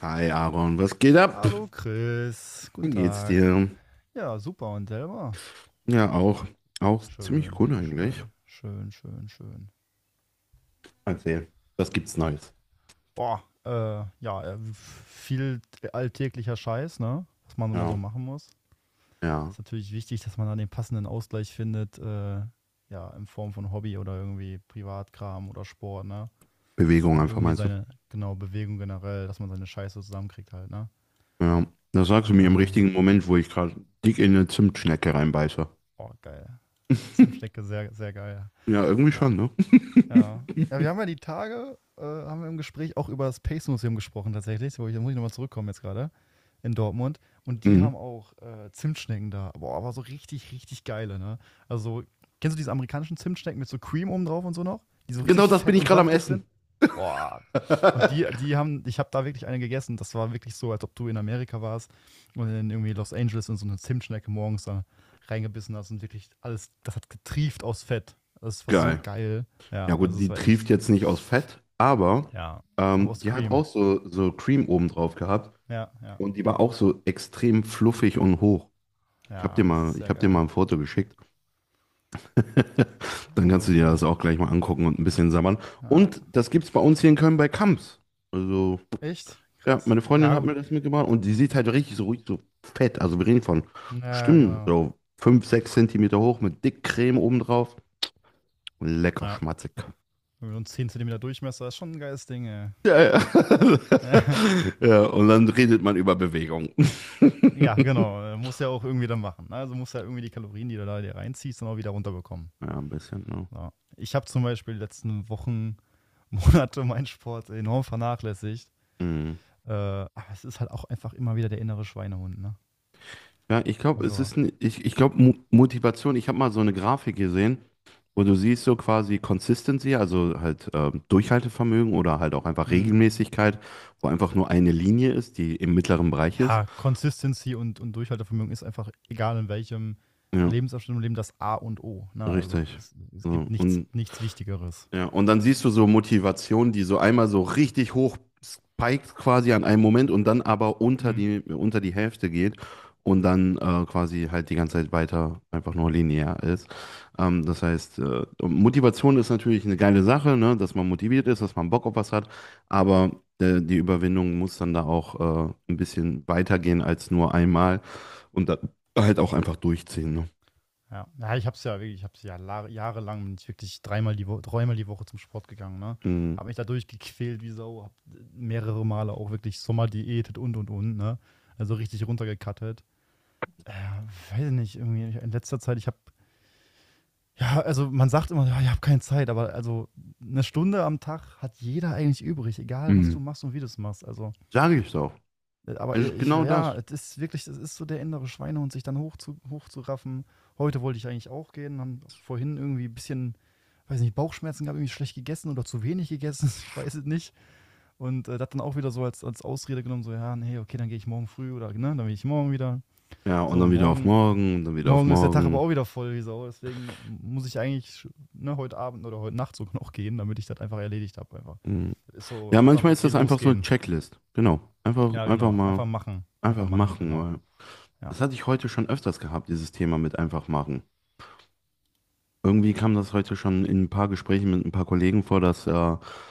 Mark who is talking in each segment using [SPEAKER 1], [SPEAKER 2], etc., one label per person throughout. [SPEAKER 1] Hi Aaron, was geht ab?
[SPEAKER 2] Hallo Chris, guten
[SPEAKER 1] Wie geht's
[SPEAKER 2] Tag.
[SPEAKER 1] dir?
[SPEAKER 2] Ja, super und selber?
[SPEAKER 1] Ja, auch. Auch ziemlich
[SPEAKER 2] Schön,
[SPEAKER 1] gut eigentlich.
[SPEAKER 2] schön, schön, schön, schön.
[SPEAKER 1] Erzähl. Was gibt's Neues?
[SPEAKER 2] Boah, ja, viel alltäglicher Scheiß, ne? Was man immer so
[SPEAKER 1] Ja.
[SPEAKER 2] machen muss.
[SPEAKER 1] Ja.
[SPEAKER 2] Ist natürlich wichtig, dass man da den passenden Ausgleich findet, ja, in Form von Hobby oder irgendwie Privatkram oder Sport, ne? Dass
[SPEAKER 1] Bewegung
[SPEAKER 2] man
[SPEAKER 1] einfach
[SPEAKER 2] irgendwie
[SPEAKER 1] meinst du?
[SPEAKER 2] seine, genau, Bewegung generell, dass man seine Scheiße zusammenkriegt halt, ne?
[SPEAKER 1] Ja. Das sagst du mir im
[SPEAKER 2] Also,
[SPEAKER 1] richtigen Moment, wo ich gerade dick in eine Zimtschnecke reinbeiße.
[SPEAKER 2] oh, geil. Zimtschnecke, sehr, sehr geil.
[SPEAKER 1] Ja, irgendwie
[SPEAKER 2] Ja.
[SPEAKER 1] schon, ne?
[SPEAKER 2] Ja. Ja, wir haben ja die Tage, haben wir im Gespräch auch über das Pace Museum gesprochen tatsächlich, wo ich, da muss ich nochmal zurückkommen jetzt gerade in Dortmund. Und die haben
[SPEAKER 1] Mhm.
[SPEAKER 2] auch Zimtschnecken da. Boah, aber so richtig, richtig geile, ne? Also, kennst du diese amerikanischen Zimtschnecken mit so Cream oben drauf und so noch? Die so
[SPEAKER 1] Genau
[SPEAKER 2] richtig
[SPEAKER 1] das bin
[SPEAKER 2] fett
[SPEAKER 1] ich
[SPEAKER 2] und
[SPEAKER 1] gerade am
[SPEAKER 2] saftig
[SPEAKER 1] Essen.
[SPEAKER 2] sind? Boah. Und die, die haben, ich habe da wirklich eine gegessen. Das war wirklich so, als ob du in Amerika warst und in irgendwie Los Angeles und so eine Zimtschnecke morgens da reingebissen hast und wirklich alles, das hat getrieft aus Fett. Das war so
[SPEAKER 1] Geil.
[SPEAKER 2] geil. Ja,
[SPEAKER 1] Ja
[SPEAKER 2] also
[SPEAKER 1] gut,
[SPEAKER 2] es
[SPEAKER 1] die
[SPEAKER 2] war
[SPEAKER 1] trieft
[SPEAKER 2] echt,
[SPEAKER 1] jetzt nicht aus Fett, aber
[SPEAKER 2] ja. Aber aus
[SPEAKER 1] die hat
[SPEAKER 2] Cream.
[SPEAKER 1] auch so, so Cream oben drauf gehabt
[SPEAKER 2] Ja, ja,
[SPEAKER 1] und die war auch so extrem fluffig und hoch. Ich habe dir
[SPEAKER 2] ja, das ist
[SPEAKER 1] mal, ich
[SPEAKER 2] sehr
[SPEAKER 1] hab dir mal
[SPEAKER 2] geil.
[SPEAKER 1] ein Foto geschickt. Dann kannst
[SPEAKER 2] Also
[SPEAKER 1] du dir das
[SPEAKER 2] so,
[SPEAKER 1] auch gleich mal angucken und ein bisschen sabbern. Und
[SPEAKER 2] ja.
[SPEAKER 1] das gibt's bei uns hier in Köln bei Kamps. Also,
[SPEAKER 2] Echt?
[SPEAKER 1] ja,
[SPEAKER 2] Krass.
[SPEAKER 1] meine Freundin
[SPEAKER 2] Ja,
[SPEAKER 1] hat
[SPEAKER 2] gut.
[SPEAKER 1] mir das mitgebracht und die sieht halt richtig so fett. Also wir reden von
[SPEAKER 2] Ja,
[SPEAKER 1] bestimmt
[SPEAKER 2] genau.
[SPEAKER 1] so 5, 6 Zentimeter hoch mit Dickcreme obendrauf. Lecker
[SPEAKER 2] Ja.
[SPEAKER 1] schmatzig.
[SPEAKER 2] Und 10 Zentimeter Durchmesser ist schon ein geiles Ding, ey.
[SPEAKER 1] Ja, ja. Ja, und dann redet man über Bewegung.
[SPEAKER 2] Ja, genau. Muss ja auch irgendwie dann machen, ne? Also muss ja irgendwie die Kalorien, die du da dir reinziehst, dann auch wieder runterbekommen.
[SPEAKER 1] Ja, ein bisschen, ne?
[SPEAKER 2] Ja. Ich habe zum Beispiel die letzten Wochen, Monate meinen Sport enorm vernachlässigt.
[SPEAKER 1] Mhm.
[SPEAKER 2] Aber es ist halt auch einfach immer wieder der innere Schweinehund, ne?
[SPEAKER 1] Ja, ich glaube, es
[SPEAKER 2] Also,
[SPEAKER 1] ist, n- ich glaube, Mo Motivation, ich habe mal so eine Grafik gesehen, wo du siehst so quasi Consistency, also halt Durchhaltevermögen oder halt auch einfach
[SPEAKER 2] mh.
[SPEAKER 1] Regelmäßigkeit, wo einfach nur eine Linie ist, die im mittleren Bereich ist.
[SPEAKER 2] Ja, Consistency und Durchhaltevermögen ist einfach, egal in welchem
[SPEAKER 1] Ja,
[SPEAKER 2] Lebensabschnitt im Leben, das A und O. Ne? Also
[SPEAKER 1] richtig.
[SPEAKER 2] es
[SPEAKER 1] So,
[SPEAKER 2] gibt nichts,
[SPEAKER 1] und
[SPEAKER 2] nichts Wichtigeres.
[SPEAKER 1] Ja, und dann siehst du so Motivationen, die so einmal so richtig hoch spiked quasi an einem Moment und dann aber unter
[SPEAKER 2] Mhm.
[SPEAKER 1] die, unter die Hälfte geht und dann quasi halt die ganze Zeit weiter einfach nur linear ist. Das heißt, Motivation ist natürlich eine geile Sache, ne, dass man motiviert ist, dass man Bock auf was hat, aber die Überwindung muss dann da auch ein bisschen weitergehen als nur einmal und dann halt auch einfach durchziehen. Ne?
[SPEAKER 2] Ja, ja, ich habe es ja wirklich, ich habe es ja jahrelang, bin ich wirklich dreimal die Woche zum Sport gegangen. Ne?
[SPEAKER 1] Mhm.
[SPEAKER 2] Habe mich dadurch gequält wie Sau, habe mehrere Male auch wirklich Sommer diätet und und. Ne? Also richtig runtergekattet. Äh, Weiß ich nicht, irgendwie in letzter Zeit, ich habe ja, also man sagt immer, ja, ich habe keine Zeit, aber also eine Stunde am Tag hat jeder eigentlich übrig, egal was
[SPEAKER 1] Mhm.
[SPEAKER 2] du machst und wie du es machst. Also,
[SPEAKER 1] Sage ich doch.
[SPEAKER 2] aber
[SPEAKER 1] Es ist genau das.
[SPEAKER 2] ja, es ist so der innere Schweinehund, sich dann hochzuraffen. Heute wollte ich eigentlich auch gehen, haben vorhin irgendwie ein bisschen, weiß nicht, Bauchschmerzen gehabt, irgendwie schlecht gegessen oder zu wenig gegessen, ich weiß es nicht. Und das dann auch wieder so als Ausrede genommen, so, ja, nee, okay, dann gehe ich morgen früh oder, ne, dann gehe ich morgen wieder.
[SPEAKER 1] Ja, und
[SPEAKER 2] So,
[SPEAKER 1] dann wieder auf morgen, und dann wieder auf
[SPEAKER 2] Morgen ist der Tag aber
[SPEAKER 1] morgen.
[SPEAKER 2] auch wieder voll wie Sau. Deswegen muss ich eigentlich, ne, heute Abend oder heute Nacht sogar noch gehen, damit ich das einfach erledigt habe. Einfach.
[SPEAKER 1] Mhm.
[SPEAKER 2] Das ist so
[SPEAKER 1] Ja,
[SPEAKER 2] einfach,
[SPEAKER 1] manchmal ist
[SPEAKER 2] okay,
[SPEAKER 1] das einfach so eine
[SPEAKER 2] losgehen.
[SPEAKER 1] Checklist. Genau. Einfach,
[SPEAKER 2] Ja,
[SPEAKER 1] einfach
[SPEAKER 2] genau. Einfach
[SPEAKER 1] mal,
[SPEAKER 2] machen. Einfach
[SPEAKER 1] einfach
[SPEAKER 2] machen,
[SPEAKER 1] machen,
[SPEAKER 2] genau.
[SPEAKER 1] weil
[SPEAKER 2] Ja.
[SPEAKER 1] das hatte ich heute schon öfters gehabt, dieses Thema mit einfach machen. Irgendwie kam das heute schon in ein paar Gesprächen mit ein paar Kollegen vor, dass, ja,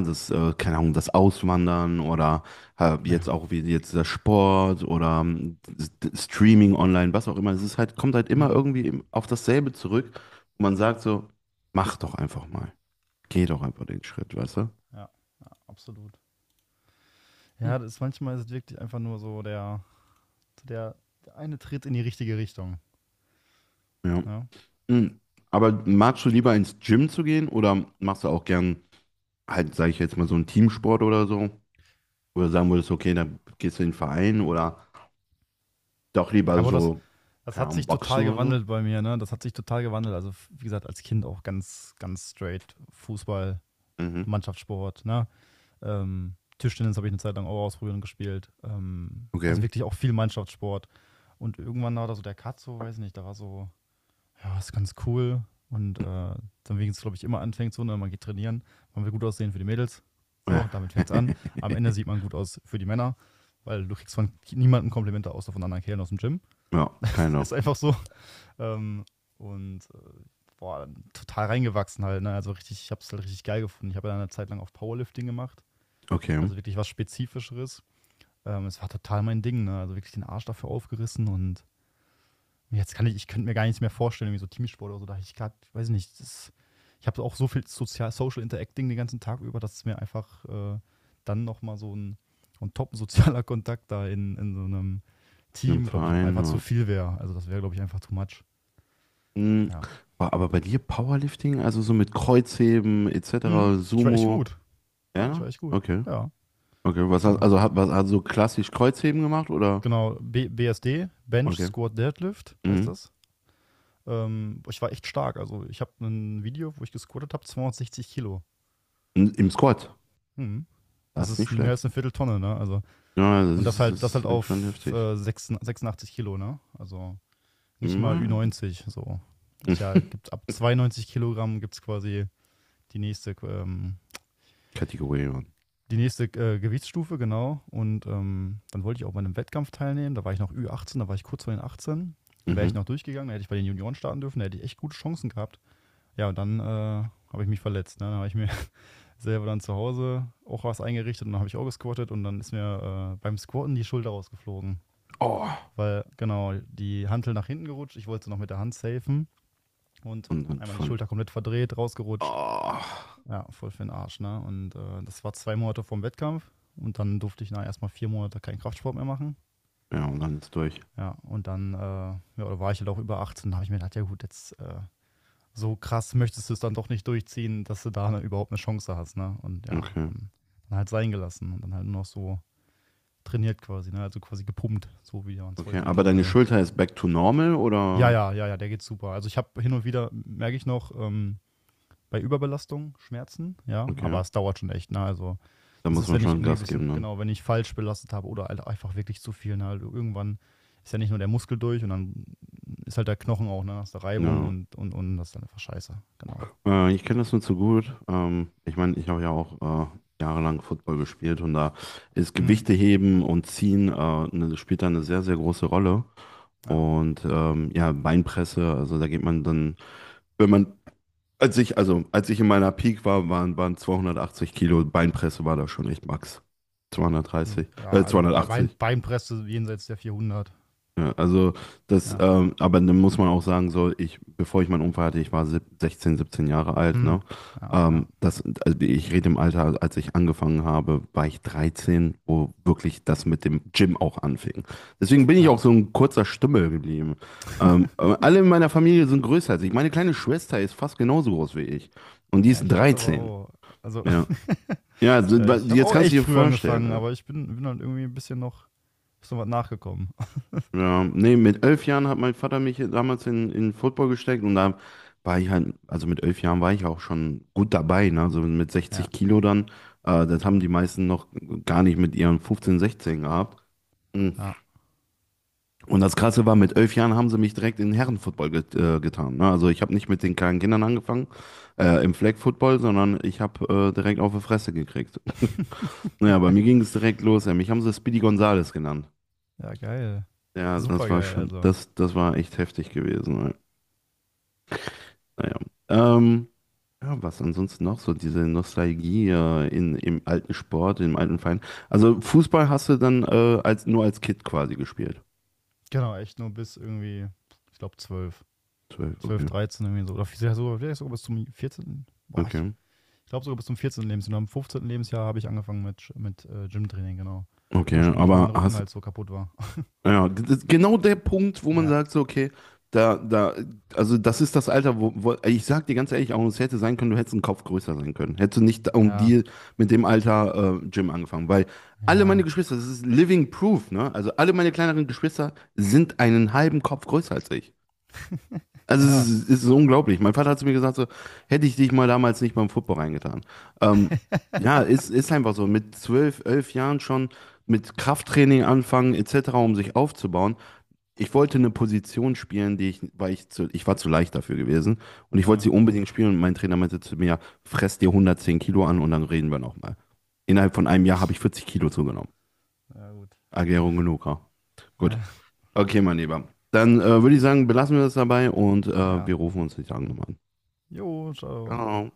[SPEAKER 1] das, keine Ahnung, das Auswandern oder jetzt
[SPEAKER 2] Naja.
[SPEAKER 1] auch wie jetzt der Sport oder Streaming online, was auch immer. Es ist halt, kommt halt immer
[SPEAKER 2] Mhm.
[SPEAKER 1] irgendwie auf dasselbe zurück. Und man sagt so, mach doch einfach mal. Geh doch einfach den Schritt, weißt du?
[SPEAKER 2] Ja, absolut.
[SPEAKER 1] Hm.
[SPEAKER 2] Ja, manchmal ist es wirklich einfach nur so der, der eine Tritt in die richtige Richtung.
[SPEAKER 1] Ja.
[SPEAKER 2] Ja.
[SPEAKER 1] Hm. Aber magst du lieber ins Gym zu gehen oder machst du auch gern halt, sage ich jetzt mal, so einen Teamsport oder so? Oder sagen würdest, okay, dann gehst du in den Verein oder doch lieber
[SPEAKER 2] Aber das,
[SPEAKER 1] so,
[SPEAKER 2] das
[SPEAKER 1] keine
[SPEAKER 2] hat
[SPEAKER 1] Ahnung,
[SPEAKER 2] sich
[SPEAKER 1] Boxen
[SPEAKER 2] total
[SPEAKER 1] oder so?
[SPEAKER 2] gewandelt bei mir, ne? Das hat sich total gewandelt. Also, wie gesagt, als Kind auch ganz, ganz straight Fußball,
[SPEAKER 1] Mhm.
[SPEAKER 2] Mannschaftssport, ne? Tischtennis habe ich eine Zeit lang auch ausprobiert und gespielt. Also
[SPEAKER 1] Okay.
[SPEAKER 2] wirklich auch viel Mannschaftssport. Und irgendwann war da so der Katzo, weiß nicht, da war so, ja, ist ganz cool. Und dann wegen es, glaube ich, immer anfängt so, ne, man geht trainieren, man will gut aussehen für die Mädels.
[SPEAKER 1] Ja.
[SPEAKER 2] So, damit fängt es an. Am Ende sieht man gut aus für die Männer, weil du kriegst von niemandem Komplimente außer von anderen Kerlen aus dem Gym.
[SPEAKER 1] Ja, keiner.
[SPEAKER 2] Ist einfach so. Ähm, und boah, total reingewachsen halt, ne? Also richtig, ich habe es halt richtig geil gefunden. Ich habe ja eine Zeit lang auf Powerlifting gemacht.
[SPEAKER 1] Okay.
[SPEAKER 2] Also wirklich was Spezifischeres. Es war total mein Ding, ne? Also wirklich den Arsch dafür aufgerissen und jetzt kann ich, könnte mir gar nichts mehr vorstellen, wie so Teamsport oder so. Da ich grad, weiß nicht, ich habe auch so viel Social Interacting den ganzen Tag über, dass es mir einfach dann nochmal so und top sozialer Kontakt da in so einem
[SPEAKER 1] Im
[SPEAKER 2] Team, glaube ich, auch
[SPEAKER 1] Verein.
[SPEAKER 2] einfach
[SPEAKER 1] Ja.
[SPEAKER 2] zu viel wäre. Also das wäre, glaube ich, einfach too much.
[SPEAKER 1] Hm.
[SPEAKER 2] Ja.
[SPEAKER 1] Boah, aber bei dir Powerlifting, also so mit Kreuzheben
[SPEAKER 2] Mhm.
[SPEAKER 1] etc.,
[SPEAKER 2] Ich war echt
[SPEAKER 1] Sumo,
[SPEAKER 2] gut. Ja, ich war
[SPEAKER 1] ja?
[SPEAKER 2] echt gut.
[SPEAKER 1] Okay.
[SPEAKER 2] Ja,
[SPEAKER 1] Okay. Was hast,
[SPEAKER 2] ja.
[SPEAKER 1] also hat, was, hast du so klassisch Kreuzheben gemacht oder?
[SPEAKER 2] Genau, B BSD, Bench
[SPEAKER 1] Okay.
[SPEAKER 2] Squat Deadlift heißt
[SPEAKER 1] Mhm.
[SPEAKER 2] das. Ich war echt stark. Also ich habe ein Video, wo ich gesquattet habe, 260 Kilo.
[SPEAKER 1] Im Squad.
[SPEAKER 2] Hm. Das
[SPEAKER 1] Das ist nicht
[SPEAKER 2] ist mehr
[SPEAKER 1] schlecht.
[SPEAKER 2] als eine Vierteltonne, ne? Also,
[SPEAKER 1] Ja, das
[SPEAKER 2] und das
[SPEAKER 1] ist,
[SPEAKER 2] halt, das
[SPEAKER 1] das
[SPEAKER 2] halt
[SPEAKER 1] ist schon
[SPEAKER 2] auf
[SPEAKER 1] heftig.
[SPEAKER 2] 86 Kilo, ne? Also nicht mal
[SPEAKER 1] Mhm.
[SPEAKER 2] Ü90. So. Ist ja, gibt ab 92 Kilogramm gibt es quasi die nächste, ähm,
[SPEAKER 1] Kategorie.
[SPEAKER 2] die nächste Gewichtsstufe, genau. Und dann wollte ich auch bei einem Wettkampf teilnehmen. Da war ich noch Ü18, da war ich kurz vor den 18. Wäre ich
[SPEAKER 1] Mhm.
[SPEAKER 2] noch durchgegangen, dann hätte ich bei den Junioren starten dürfen, da hätte ich echt gute Chancen gehabt. Ja, und dann habe ich mich verletzt, ne? Dann habe ich mir selber dann zu Hause auch was eingerichtet und dann habe ich auch gesquattet und dann ist mir beim Squatten die Schulter rausgeflogen.
[SPEAKER 1] Oh.
[SPEAKER 2] Weil, genau, die Hantel nach hinten gerutscht, ich wollte sie noch mit der Hand safen und
[SPEAKER 1] Und dann
[SPEAKER 2] einmal die
[SPEAKER 1] voll.
[SPEAKER 2] Schulter komplett verdreht, rausgerutscht.
[SPEAKER 1] Oh.
[SPEAKER 2] Ja, voll für den Arsch, ne? Und das war 2 Monate vorm Wettkampf und dann durfte ich, na, erstmal 4 Monate keinen Kraftsport mehr machen.
[SPEAKER 1] Ja, und dann ist durch.
[SPEAKER 2] Ja, und dann ja, da war ich halt auch über 18, da habe ich mir gedacht, ja gut, jetzt so krass möchtest du es dann doch nicht durchziehen, dass du da, ne, überhaupt eine Chance hast, ne? Und ja,
[SPEAKER 1] Okay.
[SPEAKER 2] dann, dann halt sein gelassen und dann halt nur noch so trainiert quasi, ne? Also quasi gepumpt, so wie man es
[SPEAKER 1] Okay.
[SPEAKER 2] heute
[SPEAKER 1] Aber
[SPEAKER 2] nennen
[SPEAKER 1] deine
[SPEAKER 2] würde.
[SPEAKER 1] Schulter ist back to normal
[SPEAKER 2] Ja,
[SPEAKER 1] oder?
[SPEAKER 2] ja, ja, ja, der geht super. Also ich habe hin und wieder, merke ich noch, bei Überbelastung Schmerzen, ja, aber
[SPEAKER 1] Okay.
[SPEAKER 2] es dauert schon echt, ne? Also
[SPEAKER 1] Da
[SPEAKER 2] das
[SPEAKER 1] muss
[SPEAKER 2] ist,
[SPEAKER 1] man
[SPEAKER 2] wenn ich
[SPEAKER 1] schon
[SPEAKER 2] irgendwie ein
[SPEAKER 1] Gas
[SPEAKER 2] bisschen,
[SPEAKER 1] geben dann.
[SPEAKER 2] genau, wenn ich falsch belastet habe oder halt einfach wirklich zu viel, ne? Also irgendwann ist ja nicht nur der Muskel durch und dann ist halt der Knochen auch, ne? Hast du Reibung
[SPEAKER 1] Ja.
[SPEAKER 2] und das ist dann einfach scheiße, genau.
[SPEAKER 1] Ich kenne das nur zu gut. Ich meine, ich habe ja auch jahrelang Football gespielt und da ist
[SPEAKER 2] Hm,
[SPEAKER 1] Gewichte heben und ziehen ne, spielt da eine sehr, sehr große Rolle.
[SPEAKER 2] ja.
[SPEAKER 1] Und ja, Beinpresse, also da geht man dann, wenn man, also als ich in meiner Peak war, waren 280 Kilo, Beinpresse war da schon echt Max.
[SPEAKER 2] Hm,
[SPEAKER 1] 230,
[SPEAKER 2] ja, also
[SPEAKER 1] 280.
[SPEAKER 2] Beinpresse jenseits der 400.
[SPEAKER 1] Ja, also das,
[SPEAKER 2] Ja.
[SPEAKER 1] aber dann muss man auch sagen, so ich, bevor ich meinen Unfall hatte, ich war 16, 17 Jahre alt, ne?
[SPEAKER 2] Hm, ja,
[SPEAKER 1] Ähm,
[SPEAKER 2] ja,
[SPEAKER 1] das, also ich rede im Alter, als ich angefangen habe, war ich 13, wo wirklich das mit dem Gym auch anfing. Deswegen bin ich
[SPEAKER 2] ja.
[SPEAKER 1] auch so ein kurzer Stümmel geblieben. Aber alle in meiner Familie sind größer als ich. Meine kleine Schwester ist fast genauso groß wie ich. Und die
[SPEAKER 2] Ja,
[SPEAKER 1] ist
[SPEAKER 2] ich habe das aber
[SPEAKER 1] 13.
[SPEAKER 2] auch, also,
[SPEAKER 1] Ja. Ja, also,
[SPEAKER 2] ja, ich habe
[SPEAKER 1] jetzt
[SPEAKER 2] auch
[SPEAKER 1] kannst du
[SPEAKER 2] echt
[SPEAKER 1] dir
[SPEAKER 2] früh
[SPEAKER 1] vorstellen.
[SPEAKER 2] angefangen, aber ich bin dann irgendwie ein bisschen noch, ist noch was nachgekommen.
[SPEAKER 1] Ja, nee, mit 11 Jahren hat mein Vater mich damals in Football gesteckt und da war ich halt, also mit 11 Jahren war ich auch schon gut dabei, ne? So mit 60
[SPEAKER 2] Ja,
[SPEAKER 1] Kilo dann. Das haben die meisten noch gar nicht mit ihren 15, 16 gehabt. Mhm.
[SPEAKER 2] ja.
[SPEAKER 1] Und das Krasse war, mit 11 Jahren haben sie mich direkt in Herrenfootball getan. Ne? Also ich habe nicht mit den kleinen Kindern angefangen, im Flag Football, sondern ich habe direkt auf die Fresse gekriegt. Naja, bei mir ging es direkt los, ey. Mich haben sie Speedy Gonzales genannt.
[SPEAKER 2] Ja, geil.
[SPEAKER 1] Ja, das
[SPEAKER 2] Super
[SPEAKER 1] war
[SPEAKER 2] geil,
[SPEAKER 1] schon,
[SPEAKER 2] also.
[SPEAKER 1] das war echt heftig gewesen. Naja. Ähm, ja, was ansonsten noch so, diese Nostalgie im alten Sport, im alten Verein. Also Fußball hast du dann nur als Kind quasi gespielt.
[SPEAKER 2] Genau, echt nur bis irgendwie, ich glaube, 12,
[SPEAKER 1] 12,
[SPEAKER 2] 12,
[SPEAKER 1] okay.
[SPEAKER 2] 13 irgendwie so. Oder vielleicht sogar bis zum 14. Boah, ich,
[SPEAKER 1] Okay.
[SPEAKER 2] ich glaube sogar bis zum 14. Lebensjahr. Und am 15. Lebensjahr habe ich angefangen mit Gymtraining, genau.
[SPEAKER 1] Okay,
[SPEAKER 2] Ursprünglich, weil mein
[SPEAKER 1] aber
[SPEAKER 2] Rücken
[SPEAKER 1] hast
[SPEAKER 2] halt so kaputt war.
[SPEAKER 1] Das genau der Punkt, wo man
[SPEAKER 2] Ja,
[SPEAKER 1] sagt, so, okay, da, also das ist das Alter, wo ich sag dir ganz ehrlich, auch es hätte sein können, du hättest einen Kopf größer sein können. Hättest du nicht um
[SPEAKER 2] ja,
[SPEAKER 1] die mit dem Alter Gym angefangen, weil alle
[SPEAKER 2] ja,
[SPEAKER 1] meine Geschwister, das ist living proof, ne? Also alle meine kleineren Geschwister sind einen halben Kopf größer als ich. Also es
[SPEAKER 2] ja.
[SPEAKER 1] ist, es ist unglaublich. Mein Vater hat zu mir gesagt, so, hätte ich dich mal damals nicht beim Football reingetan. Ähm, ja, ist einfach so. Mit 12, 11 Jahren schon mit Krafttraining anfangen, etc., um sich aufzubauen ich wollte eine Position spielen, die ich, weil ich zu, ich war zu leicht dafür gewesen und ich wollte sie
[SPEAKER 2] Ja,
[SPEAKER 1] unbedingt spielen und mein Trainer meinte zu mir, fress dir 110 Kilo an und dann reden wir nochmal. Innerhalb von einem Jahr habe ich 40 Kilo zugenommen.
[SPEAKER 2] ja gut.
[SPEAKER 1] Erklärung genug, ja. Gut.
[SPEAKER 2] Ja.
[SPEAKER 1] Okay, mein Lieber. Dann würde ich sagen, belassen wir das dabei und wir
[SPEAKER 2] Ja.
[SPEAKER 1] rufen uns die Tage nochmal an.
[SPEAKER 2] Jo, ciao.
[SPEAKER 1] Ciao.